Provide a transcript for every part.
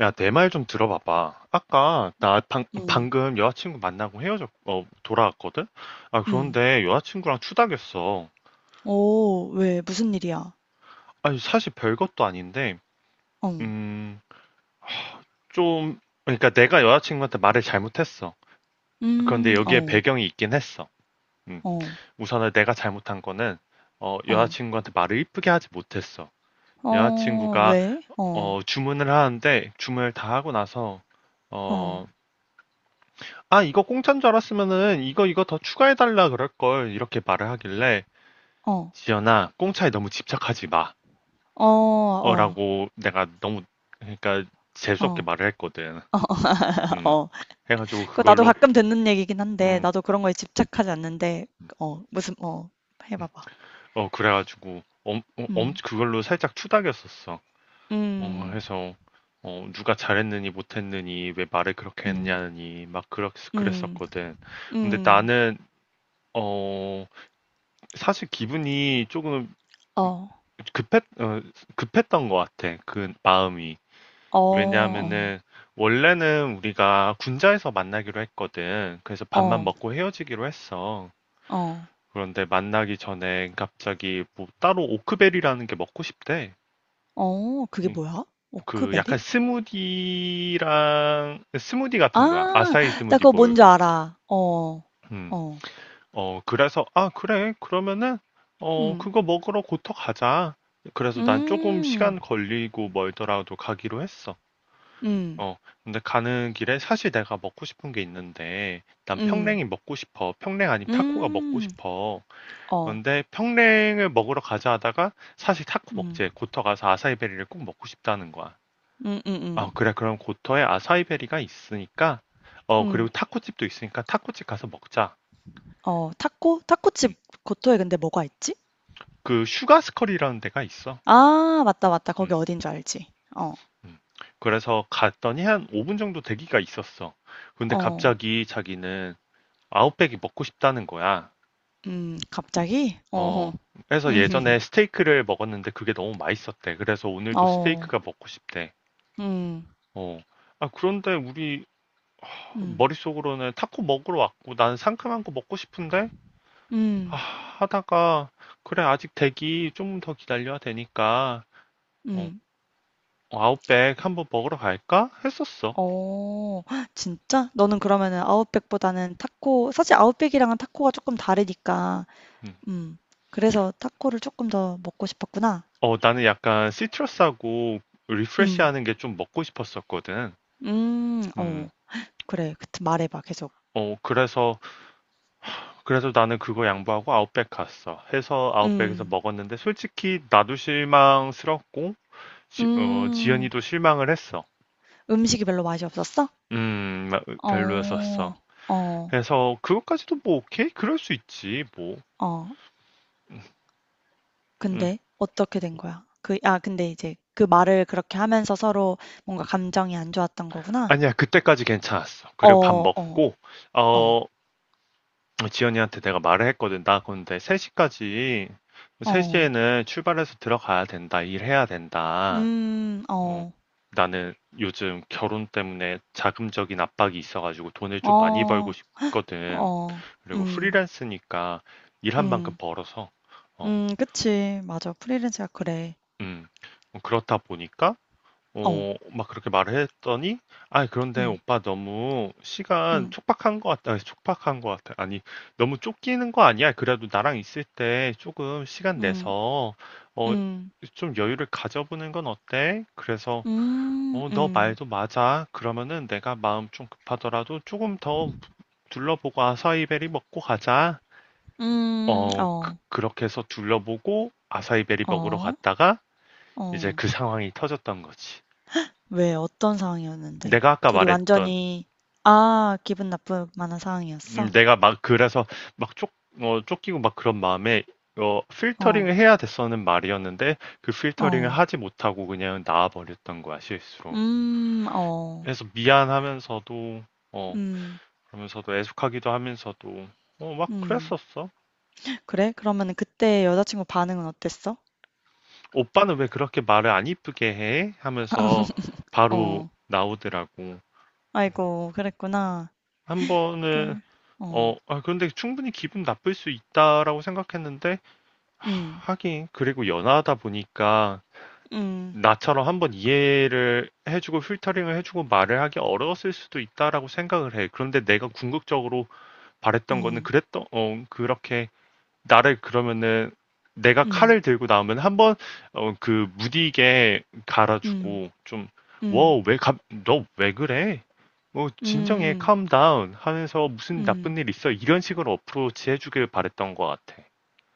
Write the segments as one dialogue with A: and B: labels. A: 야, 내 말 좀 들어봐봐. 아까 나
B: 응,
A: 방금 여자친구 만나고 돌아왔거든? 아,
B: 응,
A: 그런데 여자친구랑 추닥였어.
B: 어 왜 무슨 일이야?
A: 아니, 사실 별것도 아닌데,
B: 어.
A: 음, 좀, 그러니까 내가 여자친구한테 말을 잘못했어. 그런데
B: 음.
A: 여기에
B: 어.
A: 배경이 있긴 했어. 음,
B: 어.
A: 우선은 내가 잘못한 거는,
B: 어.
A: 여자친구한테 말을 이쁘게 하지 못했어.
B: 어
A: 여자친구가,
B: 왜? 어.
A: 주문을 하는데, 주문을 다 하고 나서, 어,
B: 어.
A: 아, 이거 공짜인 줄 알았으면은 이거 이거 더 추가해달라 그럴걸. 이렇게 말을 하길래
B: 어.
A: 지연아, 공짜에 너무 집착하지 마.
B: 어. 어.
A: 라고 내가 너무, 그러니까
B: 어.
A: 재수없게 말을 했거든.
B: 어.
A: 음.
B: 어.
A: 해가지고
B: 그 나도
A: 그걸로,
B: 가끔 듣는 얘기긴 한데
A: 음,
B: 나도 그런 거에 집착하지 않는데 어 무슨 어 해
A: 음.
B: 봐봐.
A: 그래가지고
B: 음.
A: 그걸로 살짝 투닥였었어.
B: 음.
A: 해서, 누가 잘했느니 못했느니 왜 말을 그렇게
B: 음.
A: 했냐니 막
B: 음.
A: 그랬었거든. 근데
B: 음.
A: 나는, 어, 사실 기분이 조금
B: 어.
A: 급했, 어, 급했던 것 같아. 그 마음이.
B: 어. 어.
A: 왜냐하면은 원래는 우리가 군자에서 만나기로 했거든. 그래서 밥만
B: 어.
A: 먹고 헤어지기로 했어.
B: 어.
A: 그런데 만나기 전에 갑자기 뭐 따로 오크베리라는 게 먹고 싶대.
B: 어. 그게
A: 음,
B: 뭐야?
A: 그
B: 오크베리?
A: 약간 스무디랑 스무디 같은 거야.
B: 아.
A: 아사히
B: 나
A: 스무디
B: 그거
A: 볼.
B: 뭔지 알아. 어.
A: 음.
B: 어.
A: 그래서 아, 그래. 그러면은
B: 음.
A: 그거 먹으러 고터 가자. 그래서 난 조금
B: 음.
A: 시간 걸리고 멀더라도 가기로 했어.
B: 음.
A: 어, 근데 가는 길에 사실 내가 먹고 싶은 게 있는데, 난
B: 음.
A: 평냉이 먹고 싶어. 평냉 아니면 타코가 먹고
B: 음.
A: 싶어.
B: 어.
A: 그런데 평냉을 먹으러 가자 하다가 사실 타코
B: 음.
A: 먹지. 고터 가서 아사이베리를 꼭 먹고 싶다는 거야.
B: 음음음.
A: 그래. 그럼 고터에 아사이베리가 있으니까, 그리고
B: 음.
A: 타코집도 있으니까 타코집 가서 먹자.
B: 어 타코? 타코집
A: 음.
B: 고토에 근데 뭐가 있지?
A: 그 슈가스컬이라는 데가 있어.
B: 아 맞다, 맞다. 거기
A: 음,
B: 어딘 줄 알지. 어.
A: 음. 그래서 갔더니 한 5분 정도 대기가 있었어. 근데
B: 어.
A: 갑자기 자기는 아웃백이 먹고 싶다는 거야.
B: 음. 갑자기?
A: 어,
B: 어어.
A: 그래서
B: 음.
A: 예전에 스테이크를 먹었는데 그게 너무 맛있었대. 그래서 오늘도
B: 어.
A: 스테이크가 먹고 싶대.
B: 음.
A: 어. 아, 그런데 우리
B: 음.
A: 머릿속으로는 타코 먹으러 왔고 나는 상큼한 거 먹고 싶은데? 아,
B: 음.
A: 하다가 그래 아직 대기 좀 더 기다려야 되니까
B: 음.
A: 어,
B: 음.
A: 아웃백 한번 먹으러 갈까? 했었어.
B: 어. 진짜? 너는 그러면은 아웃백보다는 타코 사실 아웃백이랑은 타코가 조금 다르니까
A: 음.
B: 음, 그래서 타코를 조금 더 먹고 싶었구나.
A: 나는 약간 시트러스하고
B: 음.
A: 리프레시하는 게 좀 먹고 싶었었거든.
B: 음.
A: 음.
B: 어. 그래. 그 말해 봐 계속.
A: 그래서 나는 그거 양보하고 아웃백 갔어. 해서 아웃백에서
B: 음.
A: 먹었는데 솔직히 나도 실망스럽고
B: 음.
A: 지연이도 실망을 했어.
B: 음식이 별로 맛이 없었어?
A: 음,
B: 어.
A: 별로였었어.
B: 어.
A: 그래서 그것까지도 뭐 오케이? 그럴 수 있지 뭐.
B: 어.
A: 음,
B: 근데 어떻게 된 거야? 그 아 근데 이제 그 말을 그렇게 하면서 서로 뭔가 감정이 안 좋았던 거구나?
A: 아니야 그때까지 괜찮았어.
B: 어.
A: 그리고 밥
B: 어.
A: 먹고
B: 어.
A: 어 지연이한테 내가 말을 했거든. 나 근데 3시까지
B: 어.
A: 3시에는 출발해서 들어가야 된다. 일해야 된다.
B: 음.
A: 어,
B: 어.
A: 나는 요즘 결혼 때문에 자금적인 압박이 있어가지고 돈을 좀 많이 벌고
B: 어.
A: 싶거든.
B: 어.
A: 그리고
B: 음.
A: 프리랜스니까 일한 만큼
B: 음.
A: 벌어서, 어,
B: 음. 그치. 맞아. 프리랜서가 그래.
A: 음, 그렇다 보니까,
B: 어.
A: 막 그렇게 말을 했더니, 아, 그런데
B: 음.
A: 오빠 너무 시간
B: 음.
A: 촉박한 것 같다. 아니, 촉박한 것 같아. 아니, 너무 쫓기는 거 아니야? 그래도 나랑 있을 때 조금 시간
B: 음.
A: 내서, 어,
B: 음.
A: 좀 여유를 가져보는 건 어때? 그래서,
B: 음.
A: 너
B: 음.
A: 말도 맞아. 그러면은 내가 마음 좀 급하더라도 조금 더 둘러보고 아사이베리 먹고 가자.
B: 음.
A: 어,
B: 어.
A: 그, 렇게 해서 둘러보고 아사이베리 먹으러
B: 어.
A: 갔다가 이제
B: 어.
A: 그 상황이 터졌던 거지.
B: 왜 어떤 상황이었는데?
A: 내가 아까
B: 둘이
A: 말했던,
B: 완전히 아, 기분 나쁠 만한 상황이었어?
A: 내가 막 그래서 막 쫓기고 막 그런 마음에 필터링을
B: 어.
A: 해야 됐었는 말이었는데 그 필터링을
B: 어.
A: 하지 못하고 그냥 나와버렸던 거야, 실수로.
B: 음. 어.
A: 그래서 미안하면서도 어,
B: 음.
A: 그러면서도 애숙하기도 하면서도 막
B: 음.
A: 그랬었어.
B: 그래? 그러면 그때 여자친구 반응은 어땠어?
A: 오빠는 왜 그렇게 말을 안 이쁘게 해? 하면서 바로
B: 어.
A: 나오더라고.
B: 아이고, 그랬구나.
A: 한 번은
B: 그래. 어.
A: 아, 그런데 충분히 기분 나쁠 수 있다라고 생각했는데
B: 음,
A: 하긴 그리고 연하다 보니까
B: 음,
A: 나처럼 한번 이해를 해주고 필터링을 해주고 말을 하기 어려웠을 수도 있다라고 생각을 해. 그런데 내가 궁극적으로 바랬던 거는
B: 음,
A: 그렇게 나를 그러면은 내가
B: 음,
A: 칼을 들고 나오면 한번 그 무디게
B: 음,
A: 갈아주고
B: 음, 음, 음,
A: 너 왜 그래? 뭐
B: 음. 음,
A: 진정해,
B: 음,
A: calm down 하면서 무슨
B: 음.
A: 나쁜 일 있어 이런 식으로 어프로치 해주길 바랬던 것 같아.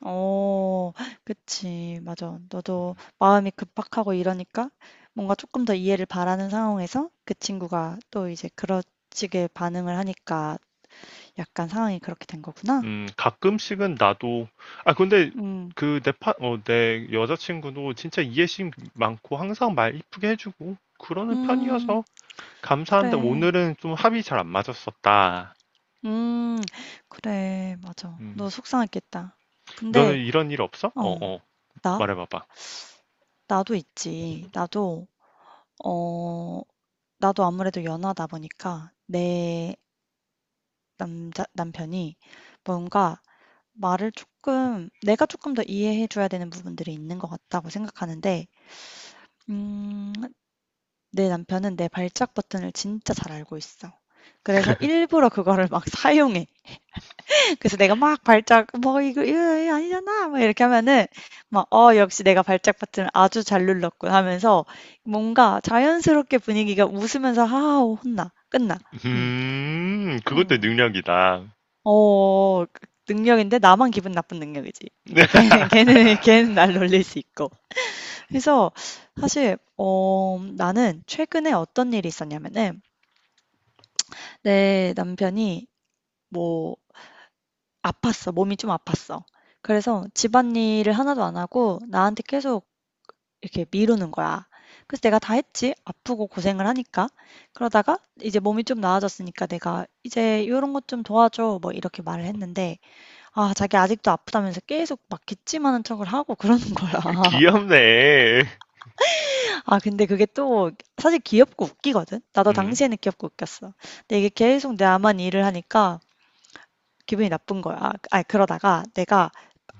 B: 어, 그치. 맞아. 너도 마음이 급박하고 이러니까 뭔가 조금 더 이해를 바라는 상황에서 그 친구가 또 이제 그렇지게 반응을 하니까 약간 상황이 그렇게 된 거구나.
A: 가끔씩은 나도 아 근데
B: 음,
A: 그내파어내 여자친구도 진짜 이해심 많고 항상 말 이쁘게 해주고 그러는
B: 음,
A: 편이어서 감사한데
B: 그래.
A: 오늘은 좀 합이 잘 안 맞았었다.
B: 음, 그래. 맞아.
A: 음.
B: 너 속상했겠다.
A: 너는
B: 근데,
A: 이런 일 없어? 어,
B: 어,
A: 어.
B: 나?
A: 말해봐봐.
B: 나도 있지. 어, 나도 아무래도 연하다 보니까 내 남자 남편이 뭔가 말을 조금 내가 조금 더 이해해 줘야 되는 부분들이 있는 것 같다고 생각하는데 음, 내 남편은 내 발작 버튼을 진짜 잘 알고 있어. 그래서 일부러 그거를 막 사용해. 그래서 내가 막 발작 "뭐 이거 이거 아니잖아." 막 이렇게 하면은 막 '어 역시 내가 발작 버튼을 아주 잘 눌렀군.' 하면서 뭔가 자연스럽게 분위기가 웃으면서 하하 혼나. 끝나. 응.
A: 그것도
B: 어.
A: 능력이다.
B: 어 그 능력인데 나만 기분 나쁜 능력이지. 그러니까 걔는 걔는 날 놀릴 수 있고. 그래서 사실 나는 최근에 어떤 일이 있었냐면은 내 남편이 뭐 아팠어. 몸이 좀 아팠어. 그래서 집안일을 하나도 안 하고 나한테 계속 이렇게 미루는 거야. 그래서 내가 다 했지. 아프고 고생을 하니까. 그러다가 이제 몸이 좀 나아졌으니까 내가 이제 이런 것 좀 도와줘. 뭐 이렇게 말을 했는데 아 자기 아직도 아프다면서 계속 막 기침하는 척을 하고 그러는 거야.
A: 귀엽네.
B: 아 근데 그게 또 사실 귀엽고 웃기거든. 나도
A: 음,
B: 당시에는 귀엽고 웃겼어. 근데 이게 계속 나만 일을 하니까 기분이 나쁜 거야. 아 그러다가 내가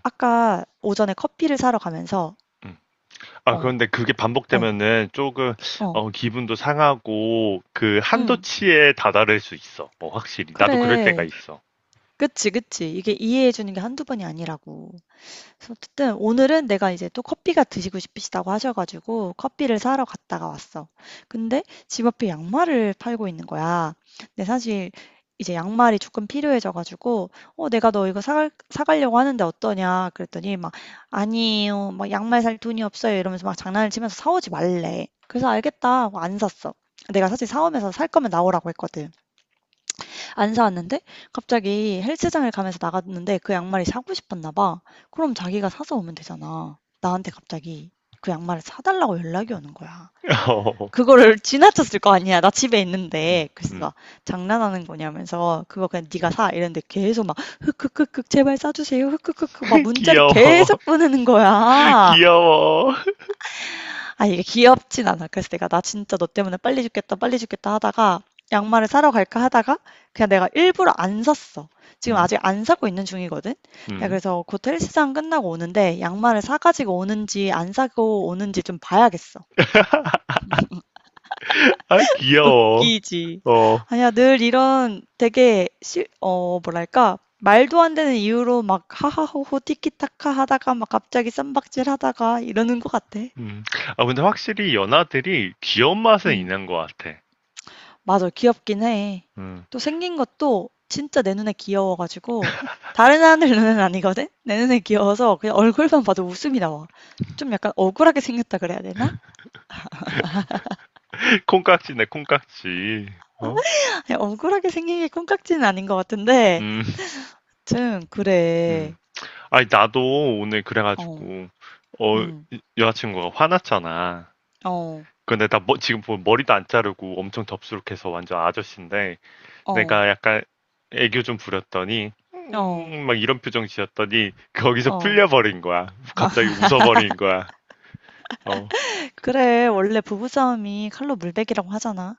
B: 아까 오전에 커피를 사러 가면서
A: 음. 아,
B: 어,
A: 그런데 그게
B: 어,
A: 반복되면은 조금,
B: 어,
A: 기분도 상하고, 그,
B: 응,
A: 한도치에 다다를 수 있어. 어, 확실히. 나도 그럴 때가
B: 그래.
A: 있어.
B: 그치, 그치. 이게 이해해 주는 게 한두 번이 아니라고. 그래서 어쨌든 오늘은 내가 이제 또 커피가 드시고 싶으시다고 하셔 가지고 커피를 사러 갔다가 왔어. 근데 집 앞에 양말을 팔고 있는 거야. 근데 사실 이제 양말이 조금 필요해져 가지고 "어 내가 너 이거 사갈 사 가려고 하는데 어떠냐." 그랬더니 막 "아니에요. 막 양말 살 돈이 없어요." 이러면서 막 장난을 치면서 사 오지 말래. 그래서 "알겠다." 하고 안 샀어. 내가 사실 사오면서 "살 거면 나오라."고 했거든. 안 사왔는데 갑자기 헬스장을 가면서 나갔는데 그 양말이 사고 싶었나 봐. 그럼 자기가 사서 오면 되잖아. 나한테 갑자기 그 양말을 사달라고 연락이 오는 거야.
A: 어,
B: 그거를 지나쳤을 거 아니야. 나 집에 있는데
A: 음.
B: 글쎄가 장난하는 거냐면서 그거 그냥 네가 사 이랬는데 계속 막 흑흑흑흑 제발 사주세요 흑흑흑흑 막 문자를
A: 귀여워.
B: 계속 보내는 거야.
A: 귀여워.
B: 아 이게 귀엽진 않아. 그래서 내가 나 진짜 너 때문에 빨리 죽겠다, 빨리 죽겠다 하다가 양말을 사러 갈까 하다가 그냥 내가 일부러 안 샀어. 지금
A: 음,
B: 아직 안 사고 있는 중이거든. 내가
A: 음.
B: 그래서 곧 헬스장 끝나고 오는데 양말을 사가지고 오는지 안 사고 오는지 좀 봐야겠어.
A: 아, 귀여워.
B: 웃기지.
A: 어,
B: 아니야, 늘 이런 되게 뭐랄까. 말도 안 되는 이유로 막 하하호호 티키타카 하다가 막 갑자기 쌈박질 하다가 이러는 것 같아.
A: 음. 아, 근데 확실히 연하들이 귀여운 맛은
B: 음.
A: 있는 것 같아.
B: 맞아. 귀엽긴 해.
A: 음.
B: 또 생긴 것도 진짜 내 눈에 귀여워 가지고 다른 사람들 눈에는 아니거든. 내 눈에 귀여워서 그냥 얼굴만 봐도 웃음이 나와. 좀 약간 억울하게 생겼다 그래야 되나?
A: 콩깍지네, 콩깍지. 어?
B: 아니, 억울하게 생긴 게 콩깍지는 아닌 것 같은데
A: 음,
B: 좀
A: 음.
B: 그래.
A: 아니, 나도 오늘
B: 어.
A: 그래가지고, 어,
B: 음.
A: 여자친구가 화났잖아.
B: 어.
A: 근데 나 뭐 지금 보면 머리도 안 자르고 엄청 덥수룩해서 완전 아저씨인데,
B: 어.
A: 내가 약간 애교 좀 부렸더니,
B: 어.
A: 막 이런 표정 지었더니, 거기서
B: 어.
A: 풀려버린 거야. 갑자기 웃어버린 거야. 어,
B: 그래. 원래 부부싸움이 칼로 물베기라고 하잖아.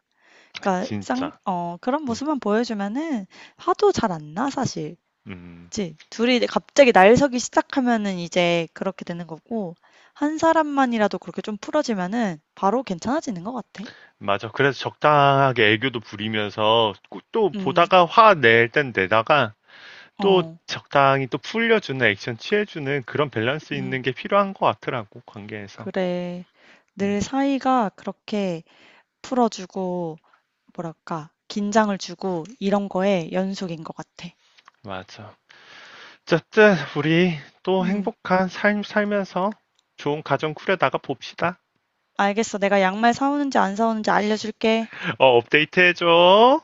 B: 그러니까
A: 진짜.
B: 그런
A: 음,
B: 모습만 보여주면은 화도 잘 안 나, 사실.
A: 음.
B: 그치. 둘이 이제 갑자기 날 서기 시작하면은 이제 그렇게 되는 거고, 한 사람만이라도 그렇게 좀 풀어지면은 바로 괜찮아지는 것 같아.
A: 맞아. 그래서 적당하게 애교도 부리면서 꼭 또
B: 음,
A: 보다가 화낼 땐 내다가 또
B: 어,
A: 적당히 또 풀려주는 액션 취해주는 그런 밸런스
B: 음,
A: 있는 게 필요한 것 같더라고 관계에서.
B: 그래.
A: 음,
B: 늘 사이가 그렇게 풀어주고, 뭐랄까, 긴장을 주고, 이런 거에 연속인 것 같아.
A: 맞아. 어쨌든 우리 또
B: 음,
A: 행복한 삶 살면서 좋은 가정 꾸려나가 봅시다.
B: 알겠어. 내가 양말 사오는지 안 사오는지 알려줄게.
A: 업데이트 해줘.